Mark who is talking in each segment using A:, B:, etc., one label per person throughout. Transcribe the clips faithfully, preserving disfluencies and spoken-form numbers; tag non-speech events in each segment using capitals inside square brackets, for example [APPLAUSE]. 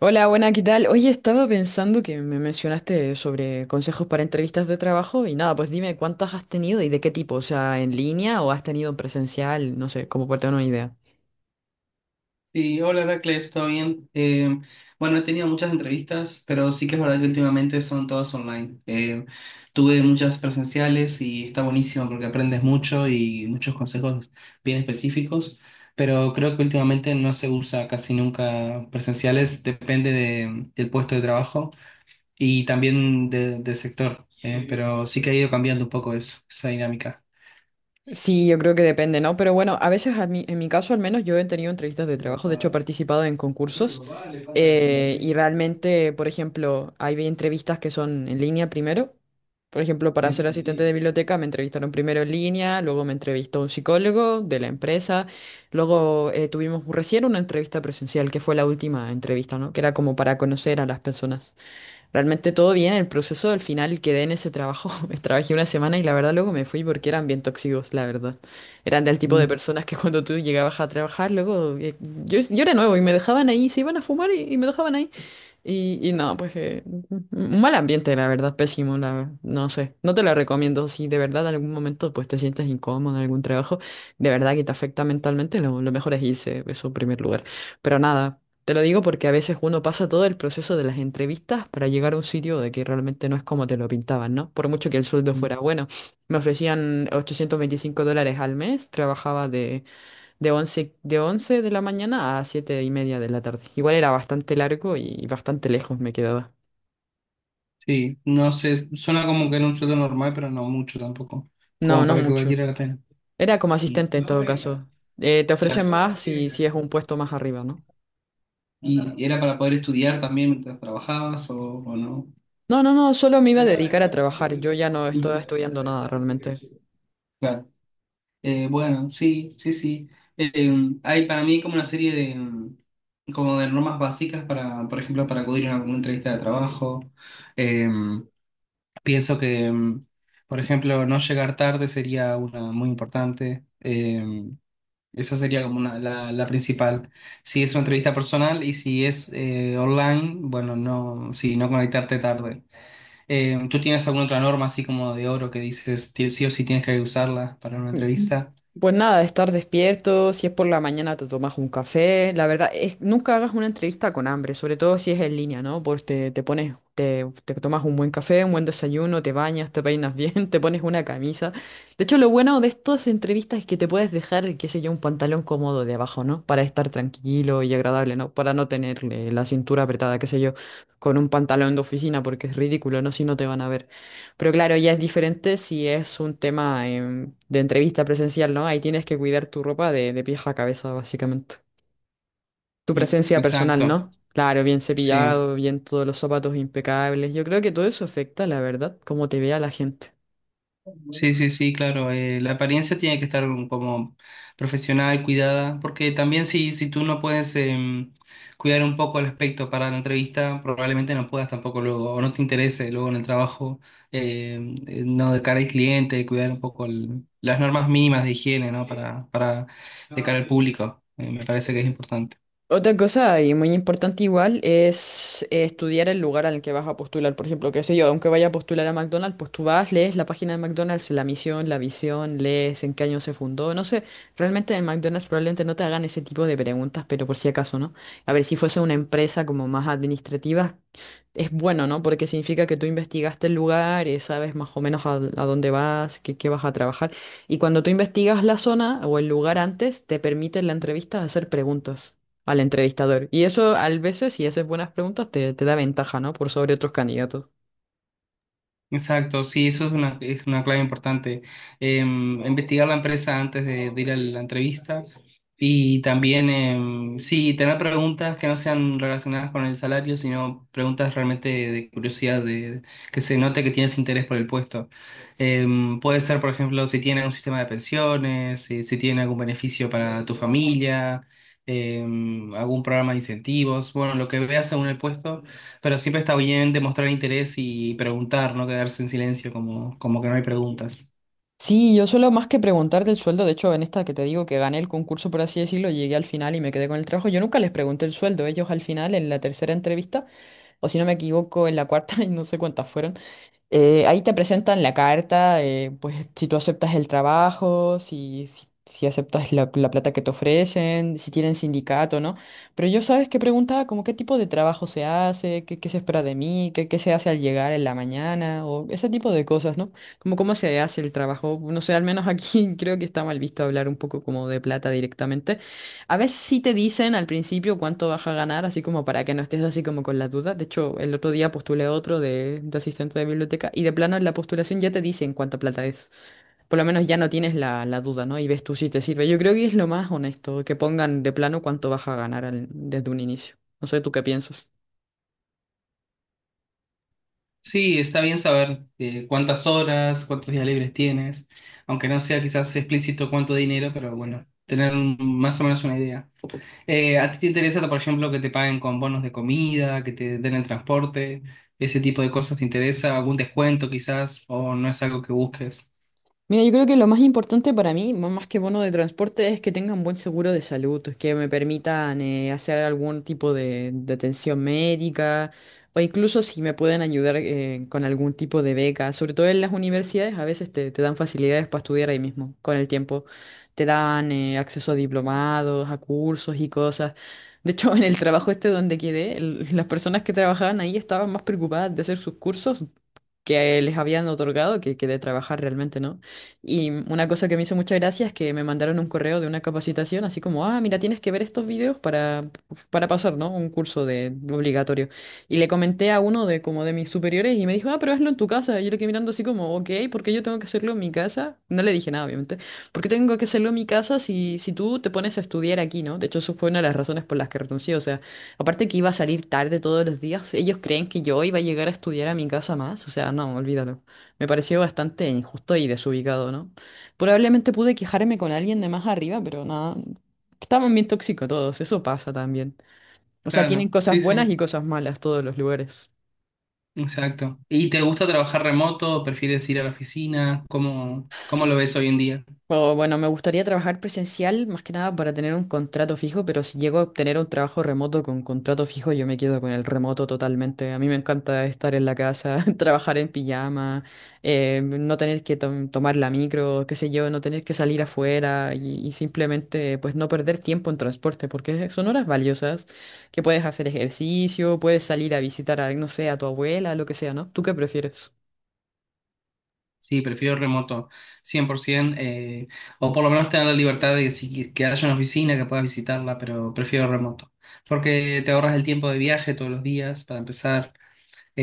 A: Hola, buena, ¿qué tal? Oye, estaba pensando que me mencionaste sobre consejos para entrevistas de trabajo y nada, pues dime cuántas has tenido y de qué tipo, o sea, en línea o has tenido presencial, no sé, como para tener una idea.
B: Sí, hola Heracles, ¿todo bien? Eh, bueno, he tenido muchas entrevistas, pero sí que es verdad que últimamente son todas online. Eh, tuve muchas presenciales y está buenísimo porque aprendes mucho y muchos consejos bien específicos, pero creo que últimamente no se usa casi nunca presenciales, depende de- del puesto de trabajo y también de- del sector, eh, pero sí que ha ido cambiando un poco eso, esa dinámica.
A: Sí, yo creo que depende, ¿no? Pero bueno, a veces a mí, en mi caso al menos yo he tenido entrevistas de trabajo, de hecho he participado en concursos, eh, y realmente, por ejemplo, hay entrevistas que son en línea primero. Por ejemplo, para ser asistente de
B: Sí.
A: biblioteca me entrevistaron primero en línea, luego me entrevistó un psicólogo de la empresa, luego eh, tuvimos recién una entrevista presencial, que fue la última entrevista, ¿no? Que era como para conocer a las personas. Realmente todo bien, el proceso del final quedé en ese trabajo. [LAUGHS] Me Trabajé una semana y la verdad luego me fui porque eran bien tóxicos, la verdad. Eran del tipo de personas que [LAUGHS] cuando tú llegabas a trabajar, luego eh, yo, yo era nuevo y me dejaban ahí, se iban a fumar y, y me dejaban ahí. Y, y no, pues eh, un mal ambiente, la verdad, pésimo, la, ver- no sé, no te lo recomiendo. Si de verdad en algún momento pues te sientes incómodo en algún trabajo, de verdad que te afecta mentalmente, lo, lo mejor es irse, eso en primer lugar. Pero nada. Te lo digo porque a veces uno pasa todo el proceso de las entrevistas para llegar a un sitio de que realmente no es como te lo pintaban, ¿no? Por mucho que el sueldo fuera bueno. Me ofrecían ochocientos veinticinco dólares al mes, trabajaba de, de once de once de la mañana a siete y media de la tarde. Igual era bastante largo y bastante lejos me quedaba.
B: Sí, no sé, suena como que era un sueldo normal, pero no mucho tampoco,
A: No,
B: como
A: no
B: para que
A: mucho.
B: valiera la pena.
A: Era como
B: Y,
A: asistente en todo caso. Eh, te ofrecen
B: claro.
A: más si, si es un puesto más arriba, ¿no?
B: ¿Y era para poder estudiar también mientras trabajabas o, o no?
A: No, no, no, solo me iba a dedicar a trabajar. Yo ya no estoy
B: Ujú.
A: estudiando nada realmente.
B: Claro. Eh, bueno, sí, sí, sí. Eh, Hay para mí como una serie de, mm, como de normas básicas para, por ejemplo, para acudir a una, una entrevista de trabajo. Em, Pienso que, mm, por ejemplo, no llegar tarde sería una muy importante. Eh, esa sería como una- la, la principal. Si es una entrevista personal y si es eh, online, bueno, no, sí, no conectarte tarde. Eh, ¿tú tienes alguna otra norma así como de oro que dices ti- sí o sí tienes que usarla para una
A: Mm,
B: entrevista?
A: Pues nada, estar despierto, si es por la mañana te tomas un café. La verdad es nunca hagas una entrevista con hambre, sobre todo si es en línea, ¿no? Porque te, te pones, te, te tomas un buen café, un buen desayuno, te bañas, te peinas bien, [LAUGHS] te pones una camisa. De hecho, lo bueno de estas entrevistas es que te puedes dejar, qué sé yo, un pantalón cómodo de abajo, ¿no? Para estar tranquilo y agradable, ¿no? Para no tener eh, la cintura apretada, qué sé yo, con un pantalón de oficina, porque es ridículo, ¿no? Si no te van a ver. Pero claro, ya es diferente si es un tema em, de entrevista presencial, ¿no? Ahí tienes que cuidar tu ropa de, de pies a cabeza, básicamente. Tu
B: Mm,
A: presencia personal,
B: Exacto,
A: ¿no? Claro, bien
B: sí.
A: cepillado, bien todos los zapatos impecables. Yo creo que todo eso afecta, la verdad, cómo te vea la gente.
B: Sí, sí, sí, claro. Eh, la apariencia tiene que estar como profesional, cuidada, porque también si, si tú no puedes em, cuidar un poco el aspecto para la entrevista, probablemente no puedas tampoco luego, o no te interese luego en el trabajo, em, eh, no de cara al cliente, cuidar un poco el- las normas mínimas de higiene, ¿no? Para, para de cara al público, eh, me parece que es importante.
A: Otra cosa y muy importante igual es eh, estudiar el lugar al que vas a postular. Por ejemplo, qué sé yo, aunque vaya a postular a McDonald's, pues tú vas, lees la página de McDonald's, la misión, la visión, lees en qué año se fundó. No sé, realmente en McDonald's probablemente no te hagan ese tipo de preguntas, pero por si acaso, ¿no? A ver, si fuese una empresa como más administrativa, es bueno, ¿no? Porque significa que tú investigaste el lugar, eh, sabes más o menos a, a dónde vas, qué, qué vas a trabajar. Y cuando tú investigas la zona o el lugar antes, te permite en la entrevista hacer preguntas al entrevistador. Y eso, a veces, si haces buenas preguntas, te, te da ventaja, ¿no? Por sobre otros candidatos.
B: Exacto, sí, eso es una, es una clave importante. Em, investigar la empresa antes de, de ir a la entrevista y también, em, sí, tener preguntas que no sean relacionadas con el salario, sino preguntas realmente de curiosidad, de, que se note que tienes interés por el puesto. Em, puede ser, por ejemplo, si tiene un sistema de pensiones, si, si tiene algún beneficio para tu familia, em, algún programa de incentivos, bueno, lo que veas según el puesto, pero siempre está bien demostrar interés y preguntar, no quedarse en silencio como, como que no hay preguntas.
A: Sí, yo solo más que preguntar del sueldo, de hecho, en esta que te digo que gané el concurso, por así decirlo, llegué al final y me quedé con el trabajo. Yo nunca les pregunté el sueldo, ellos al final, en la tercera entrevista, o si no me equivoco, en la cuarta, [LAUGHS] y no sé cuántas fueron. Eh, ahí te presentan la carta, eh, pues si tú aceptas el trabajo, si, si, si aceptas la, la plata que te ofrecen, si tienen sindicato, ¿no? Pero yo sabes que preguntaba como qué tipo de trabajo se hace, qué, qué se espera de mí, qué, qué se hace al llegar en la mañana, o ese tipo de cosas, ¿no? Como cómo se hace el trabajo. No sé, al menos aquí [LAUGHS] creo que está mal visto hablar un poco como de plata directamente. A veces sí te dicen al principio cuánto vas a ganar, así como para que no estés así como con la duda. De hecho, el otro día postulé otro de, de asistente de biblioteca y de plano en la postulación ya te dicen cuánta plata es. Por lo menos ya no tienes la, la duda, ¿no? Y ves tú si te sirve. Yo creo que es lo más honesto, que pongan de plano cuánto vas a ganar al- desde un inicio. No sé, ¿tú qué piensas?
B: Sí, está bien saber eh, cuántas horas, cuántos días libres tienes, aunque no sea quizás explícito cuánto dinero, pero bueno, tener un- más o menos una idea. Eh, ¿a ti te interesa, por ejemplo, que te paguen con bonos de comida, que te den el transporte, ese tipo de cosas te interesa, algún descuento quizás, o no es algo que busques?
A: Mira, yo creo que lo más importante para mí, m- más que bono de transporte, es que tengan buen seguro de salud, que me permitan eh, hacer algún tipo de, de atención médica o incluso si me pueden ayudar eh, con algún tipo de beca. Sobre todo en las universidades, a veces te, te dan facilidades para estudiar ahí mismo, con el tiempo. Te dan eh, acceso a diplomados, a cursos y cosas. De hecho, [LAUGHS] en el trabajo este donde quedé, el- las personas que trabajaban ahí estaban más preocupadas de hacer sus cursos que les habían otorgado, que, que de trabajar realmente, ¿no? Y una cosa que me hizo mucha gracia es que me mandaron un correo de una capacitación, así como, ah, mira, tienes que ver estos videos para, para pasar, ¿no? Un curso de obligatorio. Y le comenté a uno de como de mis superiores y me dijo, ah, pero hazlo en tu casa. Y yo le quedé mirando así como, ok, ¿por qué yo tengo que hacerlo en mi casa? No le dije nada, obviamente. ¿Por qué tengo que hacerlo en mi casa si, si tú te pones a estudiar aquí, ¿no? De hecho, eso fue una de las razones por las que renuncié, o sea... Aparte que iba a salir tarde todos los días, ellos creen que yo iba a llegar a estudiar a mi casa más, o sea, no, olvídalo. Me pareció bastante injusto y desubicado, ¿no? Probablemente pude quejarme con alguien de más arriba, pero nada, estaban bien tóxicos todos, eso pasa también. O sea, tienen
B: Claro,
A: cosas
B: sí,
A: buenas
B: sí.
A: y cosas malas todos los lugares.
B: Exacto. ¿Y te gusta trabajar remoto? ¿Prefieres ir a la oficina? ¿Cómo, cómo lo ves hoy en día?
A: O, bueno, me gustaría trabajar presencial más que nada para tener un contrato fijo, pero si llego a obtener un trabajo remoto con contrato fijo, yo me quedo con el remoto totalmente. A mí me encanta estar en la casa, [LAUGHS] trabajar en pijama, eh, no tener que tom- tomar la micro, qué sé yo, no tener que salir afuera y, y simplemente pues no perder tiempo en transporte, porque son horas valiosas que puedes hacer ejercicio, puedes salir a visitar a, no sé, a tu abuela, lo que sea, ¿no? ¿Tú qué prefieres?
B: Sí, prefiero remoto, cien por ciento, eh, o por lo menos tener la libertad de que, si- que haya una oficina que puedas visitarla, pero prefiero remoto, porque te ahorras el tiempo de viaje todos los días para empezar.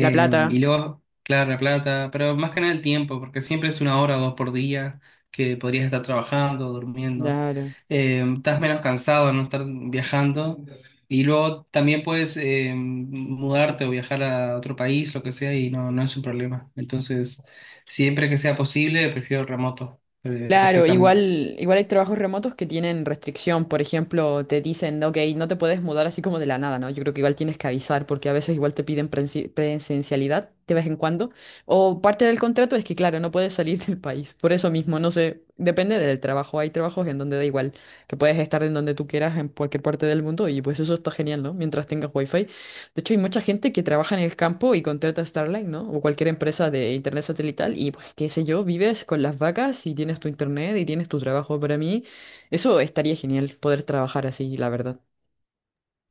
A: La plata.
B: Y luego, claro, la plata, pero más que nada el tiempo, porque siempre es una hora o dos por día que podrías estar trabajando, durmiendo.
A: Claro.
B: Eh, estás menos cansado de no estar viajando. Y luego también puedes eh, mudarte o viajar a otro país, lo que sea, y no, no es un problema. Entonces, siempre que sea posible, prefiero remoto, eh,
A: Claro,
B: perfectamente.
A: igual, igual hay trabajos remotos que tienen restricción, por ejemplo, te dicen, ok, no te puedes mudar así como de la nada, ¿no? Yo creo que igual tienes que avisar porque a veces igual te piden prensi- presencialidad de vez en cuando, o parte del contrato es que, claro, no puedes salir del país, por eso mismo, no sé, depende del trabajo, hay trabajos en donde da igual, que puedes estar en donde tú quieras, en cualquier parte del mundo, y pues eso está genial, ¿no? Mientras tengas wifi de hecho, hay mucha gente que trabaja en el campo y contrata a Starlink, ¿no? O cualquier empresa de internet satelital y pues qué sé yo, vives con las vacas y tienes tu internet y tienes tu trabajo. Para mí, eso estaría genial poder trabajar así, la verdad.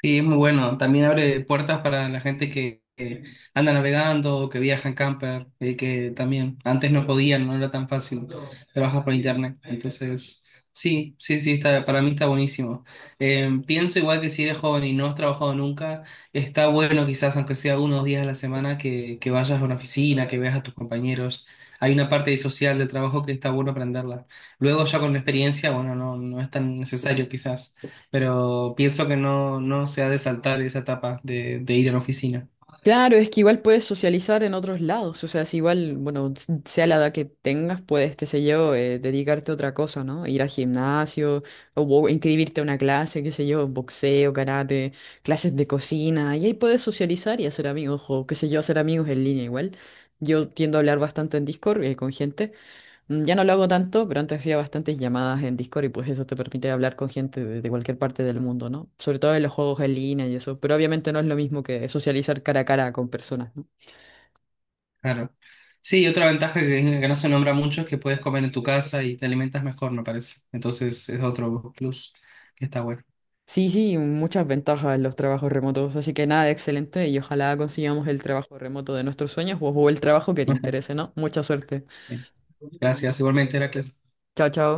B: Sí, es muy bueno. También abre puertas para la gente que, que anda navegando, que viaja en camper, eh, que también antes no podían, no era tan fácil trabajar por internet. Entonces, sí, sí, sí, está, para mí está buenísimo. Eh, pienso igual que si eres joven y no has trabajado nunca, está bueno quizás, aunque sea unos días a la semana, que, que vayas a una oficina, que veas a tus compañeros. Hay una parte social del trabajo que está bueno aprenderla. Luego ya con la experiencia, bueno, no, no es tan necesario quizás, pero pienso que no, no se ha de saltar esa etapa de, de ir a la oficina.
A: Claro, es que igual puedes socializar en otros lados, o sea, si igual, bueno, s- sea la edad que tengas, puedes, qué sé yo, eh, dedicarte a otra cosa, ¿no? Ir al gimnasio, o, bo- inscribirte a una clase, qué sé yo, boxeo, karate, clases de cocina, y ahí puedes socializar y hacer amigos, o qué sé yo, hacer amigos en línea igual. Yo tiendo a hablar bastante en Discord, eh, con gente. Mm, Ya no lo hago tanto, pero antes hacía bastantes llamadas en Discord y pues eso te permite hablar con gente de, de cualquier parte del mundo, ¿no? Sobre todo en los juegos en línea y eso, pero obviamente no es lo mismo que socializar cara a cara con personas, ¿no?
B: Claro. Sí, otra ventaja que, que no se nombra mucho es que puedes comer en tu casa y te alimentas mejor, me parece. Entonces es otro plus que está bueno.
A: Sí, sí, muchas ventajas en los trabajos remotos, así que nada, excelente y ojalá consigamos el trabajo remoto de nuestros sueños o o el trabajo que te interese,
B: [LAUGHS]
A: ¿no? Mucha suerte.
B: Gracias, igualmente, Heracles.
A: Chao, chao.